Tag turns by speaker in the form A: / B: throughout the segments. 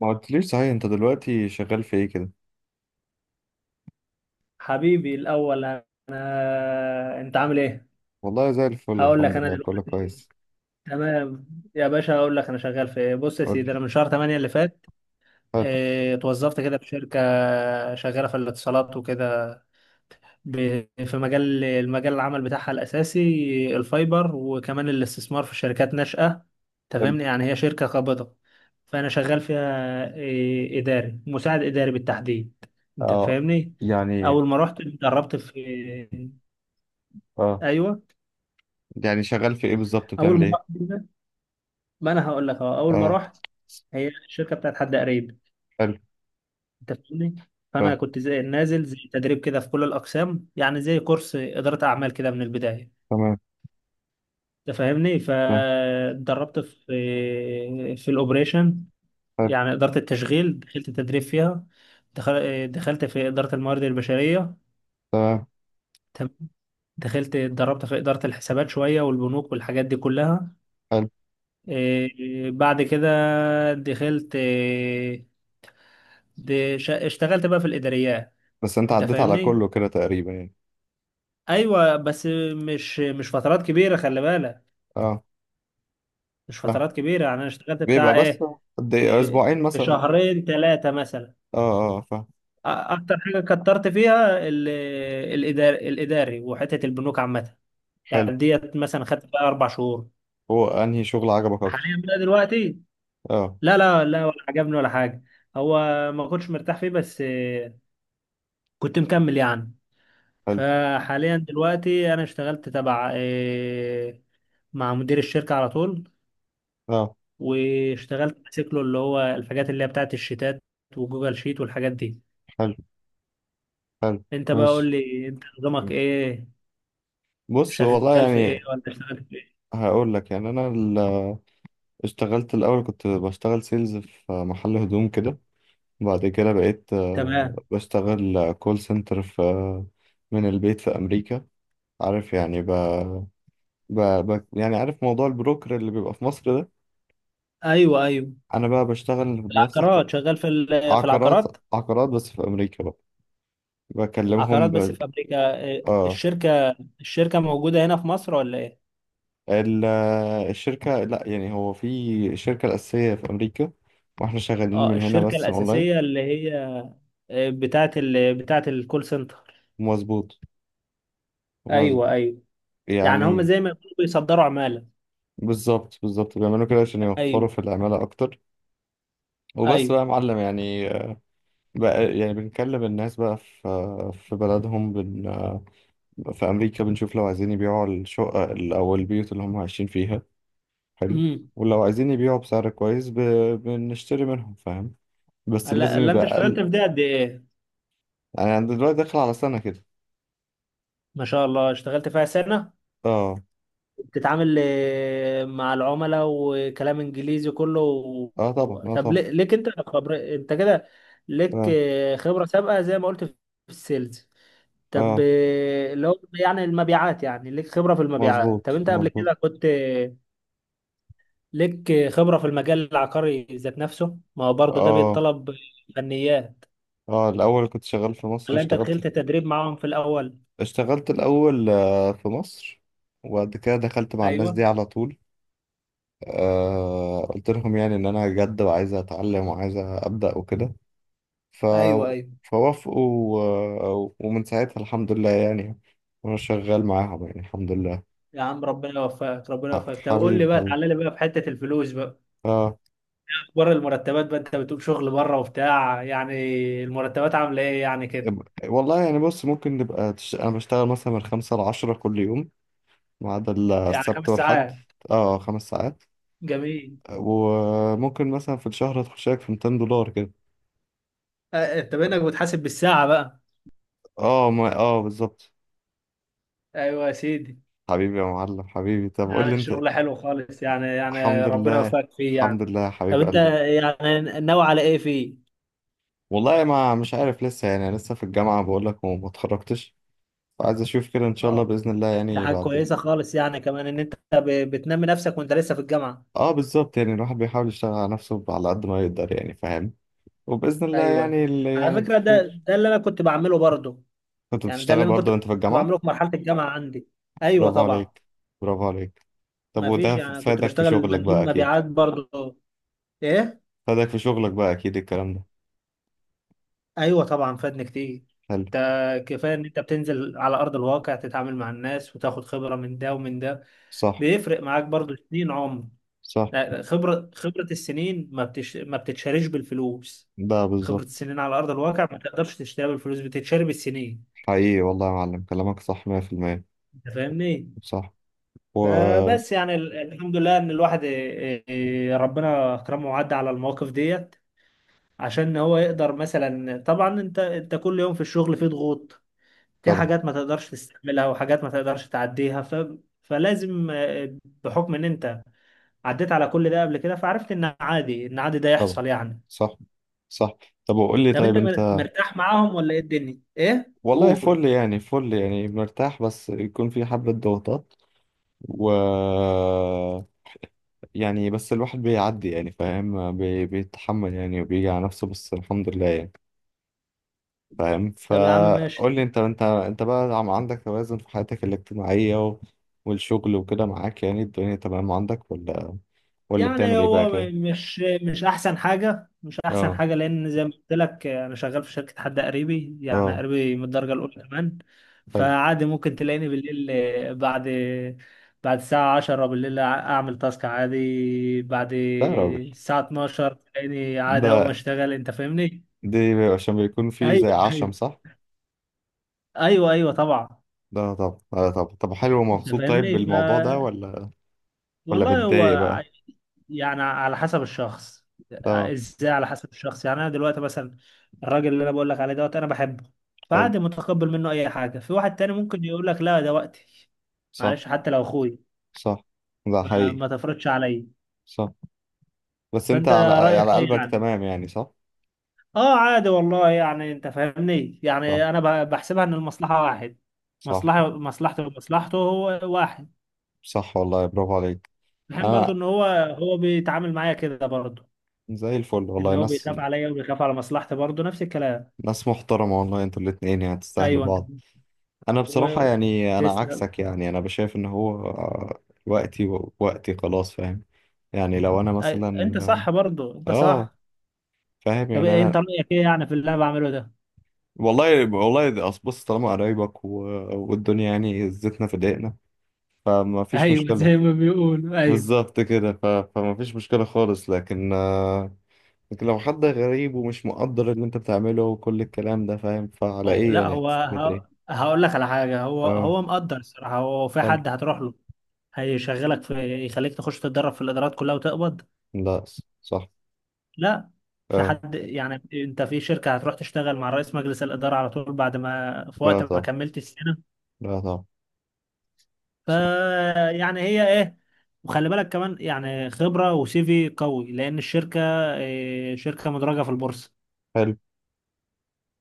A: ما قلتليش صحيح، انت دلوقتي شغال في ايه كده؟
B: حبيبي الأول، أنت عامل إيه؟
A: والله زي الفل،
B: هقول لك
A: الحمد
B: أنا
A: لله، كله
B: دلوقتي،
A: كويس.
B: تمام. يا باشا، هقول لك أنا شغال في إيه. بص يا
A: قولي.
B: سيدي، أنا من شهر 8 اللي فات
A: حلو.
B: اتوظفت كده في شركة شغالة في الاتصالات وكده. في مجال العمل بتاعها الأساسي الفايبر، وكمان الاستثمار في شركات ناشئة،
A: حلو.
B: تفهمني؟ يعني هي شركة قابضة. فأنا شغال فيها إداري، مساعد إداري بالتحديد. أنت
A: اه
B: فاهمني؟
A: يعني
B: أول ما رحت اتدربت في،
A: اه
B: ايوه،
A: يعني شغال في ايه بالظبط،
B: اول
A: بتعمل
B: ما
A: ايه؟
B: رحت ما انا هقول لك اهو. اول ما
A: اه.
B: رحت، هي الشركه بتاعت حد قريب،
A: حلو.
B: انت فاهمني؟
A: ف-
B: فانا كنت زي نازل زي تدريب كده في كل الاقسام، يعني زي كورس اداره اعمال كده من البدايه،
A: تمام.
B: انت فاهمني؟
A: ف-
B: فاتدربت في الاوبريشن،
A: حلو.
B: يعني اداره التشغيل، دخلت تدريب فيها. دخلت في اداره الموارد البشريه،
A: تمام.
B: تمام. دخلت اتدربت في اداره الحسابات شويه والبنوك والحاجات دي كلها.
A: حلو.
B: بعد كده دخلت، اشتغلت بقى في الاداريات،
A: بس انت
B: انت
A: عديت على
B: فاهمني؟
A: كله كده تقريبا يعني.
B: ايوه، بس مش فترات كبيره، خلي بالك.
A: اه،
B: مش
A: اه.
B: فترات كبيره، يعني انا اشتغلت
A: بيبقى
B: بتاع
A: بس،
B: ايه،
A: قد ايه؟ اسبوعين
B: في
A: مثلا؟
B: شهرين ثلاثه مثلا.
A: اه، اه، فاهم.
B: اكتر حاجه كترت فيها الاداري، وحته البنوك عامه.
A: حلو.
B: يعني ديت مثلا خدت بقى اربع شهور.
A: هو انهي شغل عجبك اكتر؟
B: حاليا بقى دلوقتي،
A: اه.
B: لا لا لا، ولا عجبني ولا حاجه. هو، ما كنتش مرتاح فيه، بس كنت مكمل يعني.
A: حلو.
B: فحاليا دلوقتي انا اشتغلت تبع آه، مع مدير الشركة على طول،
A: اه.
B: واشتغلت ماسك له اللي هو الحاجات اللي هي بتاعت الشيتات وجوجل شيت والحاجات دي.
A: حلو. حلو.
B: انت بقى قول
A: ماشي.
B: لي، انت نظامك ايه؟
A: بص، والله
B: شغال في ايه
A: يعني،
B: ولا اشتغلت في ايه؟
A: هقول لك يعني، انا اشتغلت الأول، كنت بشتغل سيلز في محل هدوم كده. بعد كده بقيت
B: تمام،
A: بشتغل كول سنتر في من البيت في أمريكا. عارف يعني، يعني عارف موضوع البروكر اللي بيبقى في مصر ده.
B: ايوه ايوه.
A: أنا بقى بشتغل بنفس
B: العقارات،
A: الك-
B: شغال في في
A: عقارات
B: العقارات.
A: عقارات بس في أمريكا بقى. بكلمهم
B: عقارات بس
A: ب...
B: في امريكا،
A: آه
B: الشركة، الشركة موجودة هنا في مصر ولا ايه؟
A: الشركة، لا يعني، هو في الشركة الأساسية في أمريكا، وإحنا شغالين
B: اه،
A: من هنا
B: الشركة
A: بس
B: الأساسية
A: أونلاين.
B: اللي هي بتاعت بتاعت الكول سنتر.
A: مظبوط.
B: ايوه
A: مظبوط.
B: ايوه. يعني هم
A: يعني.
B: زي ما يكونوا بيصدروا عمالة.
A: بالظبط، بالظبط، بيعملوا كده عشان يوفروا
B: ايوه
A: في العمالة أكتر. وبس
B: ايوه.
A: بقى يا معلم، يعني. بقى يعني بنكلم الناس بقى في بلدهم، في أمريكا بنشوف لو عايزين يبيعوا الشقة أو البيوت اللي هم عايشين فيها. حلو.
B: امم،
A: ولو عايزين يبيعوا بسعر كويس، بنشتري منهم، فاهم. بس
B: الا
A: لازم
B: ألا
A: يبقى
B: انت اشتغلت
A: أقل.
B: في دي قد ايه؟
A: يعني أنا دلوقتي داخل على سنة كده.
B: ما شاء الله، اشتغلت فيها سنة.
A: اه.
B: بتتعامل آه، مع العملاء، وكلام انجليزي كله و...
A: اه، طبعا، اه،
B: طب
A: طبعا.
B: ليك انت خبر؟ انت كده ليك
A: اه،
B: آه، خبرة سابقة زي ما قلت في السيلز، طب
A: اه،
B: آه، اللي هو يعني المبيعات، يعني ليك خبرة في
A: مظبوط،
B: المبيعات. طب انت قبل
A: مظبوط.
B: كده كنت آه، ليك آه، خبرة في المجال العقاري ذات نفسه؟ ما هو برضه ده
A: اه،
B: بيتطلب فنيات.
A: اه، الأول كنت شغال في مصر،
B: ولا انت
A: اشتغلت.
B: دخلت تدريب معاهم في الاول؟
A: اشتغلت الأول في مصر، وبعد كده دخلت مع الناس
B: ايوه
A: دي على طول. قلت لهم يعني إن أنا جد وعايز أتعلم وعايز أبدأ وكده. ف...
B: ايوه ايوه.
A: فوافقوا. ومن ساعتها الحمد لله يعني، وأنا شغال معاهم يعني الحمد لله.
B: يا عم ربنا يوفقك، ربنا يوفقك. طب قول لي
A: حبيبي،
B: بقى،
A: حبيبي.
B: تعالى لي بقى في حتة الفلوس بقى.
A: آه.
B: اخبار المرتبات بقى، انت بتقول شغل بره وبتاع يعني، المرتبات عاملة ايه يعني كده؟
A: والله يعني، بص، ممكن نبقى أنا بشتغل مثلا من خمسة لعشرة كل يوم، ما عدا
B: يعني
A: السبت
B: خمس
A: والحد.
B: ساعات،
A: اه، خمس ساعات.
B: جميل.
A: وممكن مثلا في الشهر أدخل شايك في $200 كده.
B: آه، انت بانك بتحاسب بالساعة بقى.
A: اه، ما، اه، بالظبط.
B: ايوه يا سيدي.
A: حبيبي يا معلم، حبيبي، طب قول
B: يعني
A: لي انت.
B: الشغل حلو خالص يعني،
A: الحمد
B: يعني ربنا
A: لله،
B: يوفقك فيه
A: الحمد
B: يعني.
A: لله،
B: طب
A: حبيب
B: انت،
A: قلبي.
B: يعني ناوي على ايه فيه؟
A: والله ما مش عارف لسه يعني، أنا لسه في الجامعة بقول لك، وما اتخرجتش، فعايز اشوف كده ان شاء الله،
B: اه،
A: بإذن الله
B: ده
A: يعني
B: حاجة
A: بعد.
B: كويسة خالص يعني، كمان ان انت بتنمي نفسك وانت لسه في الجامعة.
A: اه، بالظبط يعني، الواحد بيحاول يشتغل على نفسه على قد ما يقدر يعني، فاهم. وبإذن الله
B: ايوه.
A: يعني، اللي
B: على
A: يعني
B: فكرة
A: في
B: ده،
A: خير.
B: ده اللي انا كنت بعمله برضه.
A: كنت
B: يعني ده اللي
A: بتشتغل
B: انا كنت
A: برضه وانت في الجامعة؟
B: بعمله في مرحله الجامعه عندي. ايوه
A: برافو
B: طبعا.
A: عليك. برافو عليك. طب
B: ما فيش،
A: وده
B: يعني كنت
A: فادك في
B: بشتغل
A: شغلك
B: مندوب
A: بقى، اكيد.
B: مبيعات برضه. ايه،
A: فادك في شغلك بقى، اكيد الكلام ده.
B: ايوه طبعا، فادني كتير.
A: حلو.
B: انت كفايه ان انت بتنزل على ارض الواقع، تتعامل مع الناس وتاخد خبره من ده ومن ده.
A: صح.
B: بيفرق معاك برضه سنين عمر.
A: صح.
B: لا، خبره، خبره السنين ما بتش... ما بتتشاريش بالفلوس.
A: ده
B: خبره
A: بالظبط.
B: السنين على ارض الواقع ما تقدرش تشتريها بالفلوس، بتتشاري بالسنين،
A: حقيقي والله يا معلم، كلامك صح 100%.
B: انت فاهمني؟
A: صح. و
B: فبس يعني الحمد لله ان الواحد إيه، إيه، ربنا اكرمه وعدى على المواقف ديت، عشان هو يقدر مثلا. طبعا انت، كل يوم في الشغل في ضغوط، في
A: طبعا.
B: حاجات ما تقدرش تستحملها وحاجات ما تقدرش تعديها. فلازم آه، بحكم ان انت عديت على كل ده قبل كده، فعرفت ان عادي، ان عادي ده
A: طبعا.
B: يحصل يعني.
A: صح، صح. طب وقول لي،
B: طب
A: طيب
B: انت
A: انت.
B: مرتاح معاهم ولا ايه الدنيا؟ ايه،
A: والله
B: قول.
A: فل يعني، فل يعني، مرتاح بس يكون في حبة ضغوطات، و يعني بس الواحد بيعدي يعني، فاهم، بيتحمل يعني، وبيجي على نفسه، بس الحمد لله يعني. فاهم،
B: طب يا عم ماشي.
A: فقول لي، انت بقى، عندك توازن في حياتك الاجتماعية و والشغل وكده معاك، يعني الدنيا تمام عندك، ولا ولا
B: يعني
A: بتعمل ايه بقى
B: هو
A: كده؟
B: مش احسن حاجه، مش احسن
A: اه.
B: حاجه، لان زي ما قلت لك انا شغال في شركه حد قريبي، يعني
A: اه.
B: قريبي من الدرجه الاولى كمان.
A: حلو.
B: فعادي ممكن تلاقيني بالليل بعد الساعه 10 بالليل اعمل تاسك عادي، بعد
A: لا يا راجل.
B: الساعه 12 تلاقيني عادي اقوم
A: ده
B: اشتغل، انت فاهمني؟
A: دي، عشان بيكون في زي عشم،
B: ايوه
A: صح؟
B: ايوه ايوه طبعا،
A: لا طب، لا طب، طب، حلو
B: انت
A: ومبسوط طيب
B: فاهمني؟
A: بالموضوع ده، ولا ولا
B: والله هو
A: متضايق بقى؟
B: يعني على حسب الشخص.
A: اه.
B: ازاي؟ على حسب الشخص. يعني انا دلوقتي مثلا، الراجل اللي انا بقول لك عليه دوت انا بحبه،
A: حلو.
B: فعادي متقبل منه اي حاجه. في واحد تاني ممكن يقول لك لا ده وقتي،
A: صح.
B: معلش حتى لو اخوي،
A: صح. ده
B: ما,
A: حقيقي.
B: ما تفرضش عليا.
A: صح. بس انت
B: فانت
A: على
B: رايك
A: على
B: ايه
A: قلبك
B: يعني؟
A: تمام يعني، صح؟
B: اه عادي والله يعني، انت فاهمني
A: صح،
B: يعني. انا بحسبها ان المصلحه واحد،
A: صح،
B: مصلحه، مصلحته ومصلحته هو واحد.
A: صح، والله برافو عليك.
B: بحين برضو
A: انا
B: ان هو، هو بيتعامل معايا كده برضو،
A: زي الفل
B: ان
A: والله،
B: هو
A: ناس،
B: بيخاف عليا وبيخاف على مصلحتي برضو نفس الكلام.
A: ناس محترمة والله، انتوا الاتنين يعني تستاهلوا
B: ايوه انت،
A: بعض. انا بصراحة يعني، انا
B: وتسلم.
A: عكسك يعني، انا بشايف ان هو وقتي وقتي خلاص، فاهم. يعني لو انا مثلا
B: انت صح برضو، انت
A: آه،
B: صح.
A: فاهم
B: طب
A: يعني
B: إيه،
A: انا.
B: انت رايك ايه يعني في اللي انا بعمله ده؟
A: والله، والله، ده أصل بص، طالما قرايبك و والدنيا يعني زيتنا في دقيقنا، فما فيش
B: ايوه
A: مشكلة.
B: زي ما بيقولوا، ايوه.
A: بالظبط كده، فما فيش مشكلة خالص، لكن لكن لو حد غريب ومش مقدر اللي انت بتعمله وكل الكلام ده، فاهم؟ فعلى
B: أو
A: ايه
B: لا،
A: يعني؟
B: هو
A: هتستفيد ايه؟
B: هقول لك على حاجه. هو،
A: اه.
B: هو مقدر الصراحه. هو في
A: حلو.
B: حد هتروح له، هيشغلك في، يخليك تخش تتدرب في الادارات كلها وتقبض.
A: لا. صح.
B: لا، في
A: اه.
B: حد يعني، انت في شركه هتروح تشتغل مع رئيس مجلس الاداره على طول بعد ما، في
A: لا
B: وقت ما
A: طب.
B: كملت السنه.
A: لا طب.
B: ف يعني هي ايه، وخلي بالك كمان يعني خبرة وسيفي قوي، لأن الشركة شركة مدرجة في البورصة،
A: حلو.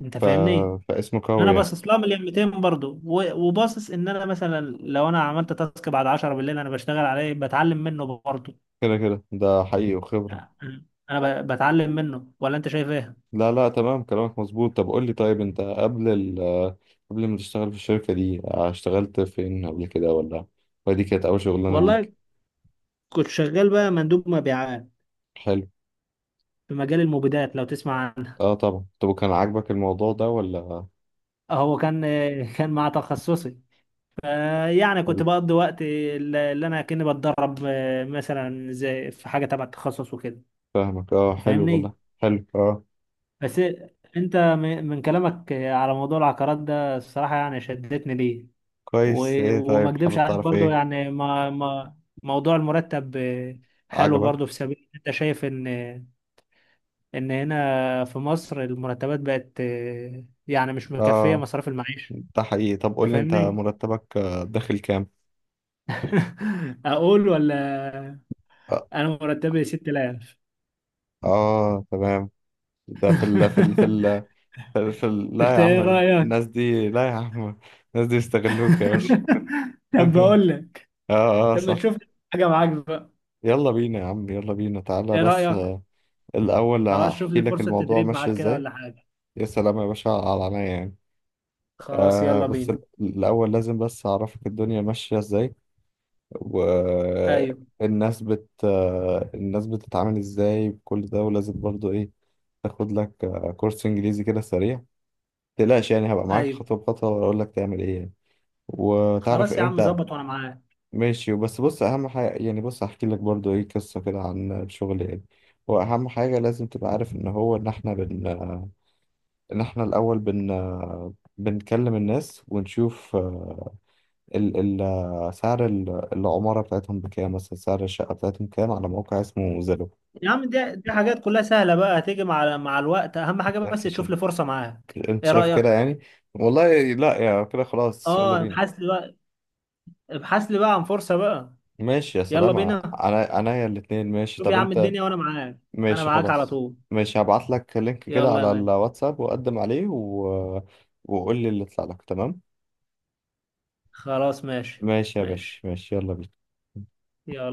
B: أنت
A: ف...
B: فاهمني؟
A: فاسمه
B: أنا
A: قوي يعني.
B: باصص لها مليون 200 برضه، وباصص إن أنا مثلا، لو أنا عملت تاسك بعد 10 بالليل أنا بشتغل عليه، بتعلم منه برضه.
A: كده كده، ده حقيقي، وخبرة.
B: أنا بتعلم منه، ولا أنت شايف إيه؟
A: لا، لا، تمام، كلامك مظبوط. طب قول لي، طيب انت قبل قبل ما تشتغل في الشركة دي، اشتغلت فين قبل كده، ولا ودي كانت أول شغلانة ليك؟
B: والله، كنت شغال بقى مندوب مبيعات
A: حلو.
B: في مجال المبيدات، لو تسمع عنه.
A: اه، طبعا. طب وكان عاجبك الموضوع ده ولا؟
B: هو كان، كان مع تخصصي. يعني كنت
A: حلو.
B: بقضي وقت اللي انا كأني بتدرب آه، مثلا زي في حاجه تبع التخصص وكده.
A: فاهمك، اه،
B: أنت
A: حلو والله،
B: فاهمني؟
A: حلو، اه.
B: بس انت من كلامك على موضوع العقارات ده، الصراحه يعني شدتني ليه.
A: كويس، ايه،
B: وما
A: طيب،
B: اكدبش
A: حابب
B: عليك
A: تعرف
B: برضو
A: ايه؟
B: يعني، ما موضوع المرتب آه، حلو
A: عجبك.
B: برضو. في سبيل انت شايف ان، ان هنا في مصر المرتبات بقت آه، يعني مش مكفيه
A: اه،
B: مصاريف المعيشه،
A: ده حقيقي. طب قول
B: أنت
A: لي انت،
B: فاهمني؟
A: مرتبك داخل كام؟
B: اقول ولا؟
A: اه،
B: انا مرتبي 6000،
A: آه، تمام. ده في ال لا
B: انت
A: يا
B: ايه
A: عم، الناس
B: رايك؟
A: دي، لا يا عم، الناس دي يستغلوك يا باشا.
B: طب بقول لك،
A: اه، اه،
B: لما
A: صح.
B: تشوف لي حاجه معاك بقى،
A: يلا بينا يا عم، يلا بينا، تعالى
B: ايه
A: بس
B: رايك؟
A: الأول
B: خلاص، شوف
A: هحكي
B: لي
A: لك
B: فرصه
A: الموضوع
B: تدريب
A: ماشي
B: معاك كده
A: ازاي.
B: ولا حاجه.
A: يا سلام يا باشا، على عينيا يعني.
B: خلاص يلا
A: بس
B: بينا.
A: الأول لازم بس أعرفك الدنيا ماشية ازاي،
B: ايوه،
A: والناس الناس بتتعامل ازاي بكل ده، ولازم برضو ايه، تاخد لك كورس انجليزي كده سريع. متقلقش يعني، هبقى معاك
B: ايوه.
A: خطوة بخطوة واقول لك تعمل ايه يعني. وتعرف
B: خلاص يا عم،
A: امتى.
B: ظبط وانا معاك.
A: ماشي، بس بص، اهم حاجه يعني، بص هحكي لك برضو ايه قصه كده عن الشغل يعني. هو اهم حاجه لازم تبقى عارف ان هو، ان احنا ان احنا الاول بنكلم الناس ونشوف ال سعر العماره بتاعتهم بكام مثلا، سعر الشقه بتاعتهم كام، على موقع اسمه زيلو.
B: يا عم دي، دي حاجات كلها سهله بقى، هتيجي مع الوقت. اهم حاجه بس
A: انت شايف
B: تشوف لي فرصه معاك،
A: انت
B: ايه
A: شايف كده
B: رايك؟
A: يعني؟ والله، لا يا، كده خلاص، يلا
B: اه،
A: بينا.
B: ابحث لي بقى، ابحث لي بقى عن فرصه بقى.
A: ماشي، يا
B: يلا
A: سلام، ع-
B: بينا،
A: عنا- عينيا الاتنين، ماشي،
B: شوف
A: طب
B: يا عم
A: انت.
B: الدنيا وانا معاك، انا
A: ماشي،
B: معاك على
A: خلاص.
B: طول.
A: ماشي، هبعت لك لينك كده
B: يلا يا
A: على
B: باشا.
A: الواتساب وقدم عليه، و وقول لي اللي يطلع لك، تمام.
B: خلاص ماشي،
A: ماشي يا باشا،
B: ماشي،
A: ماشي، يلا بينا.
B: يلا.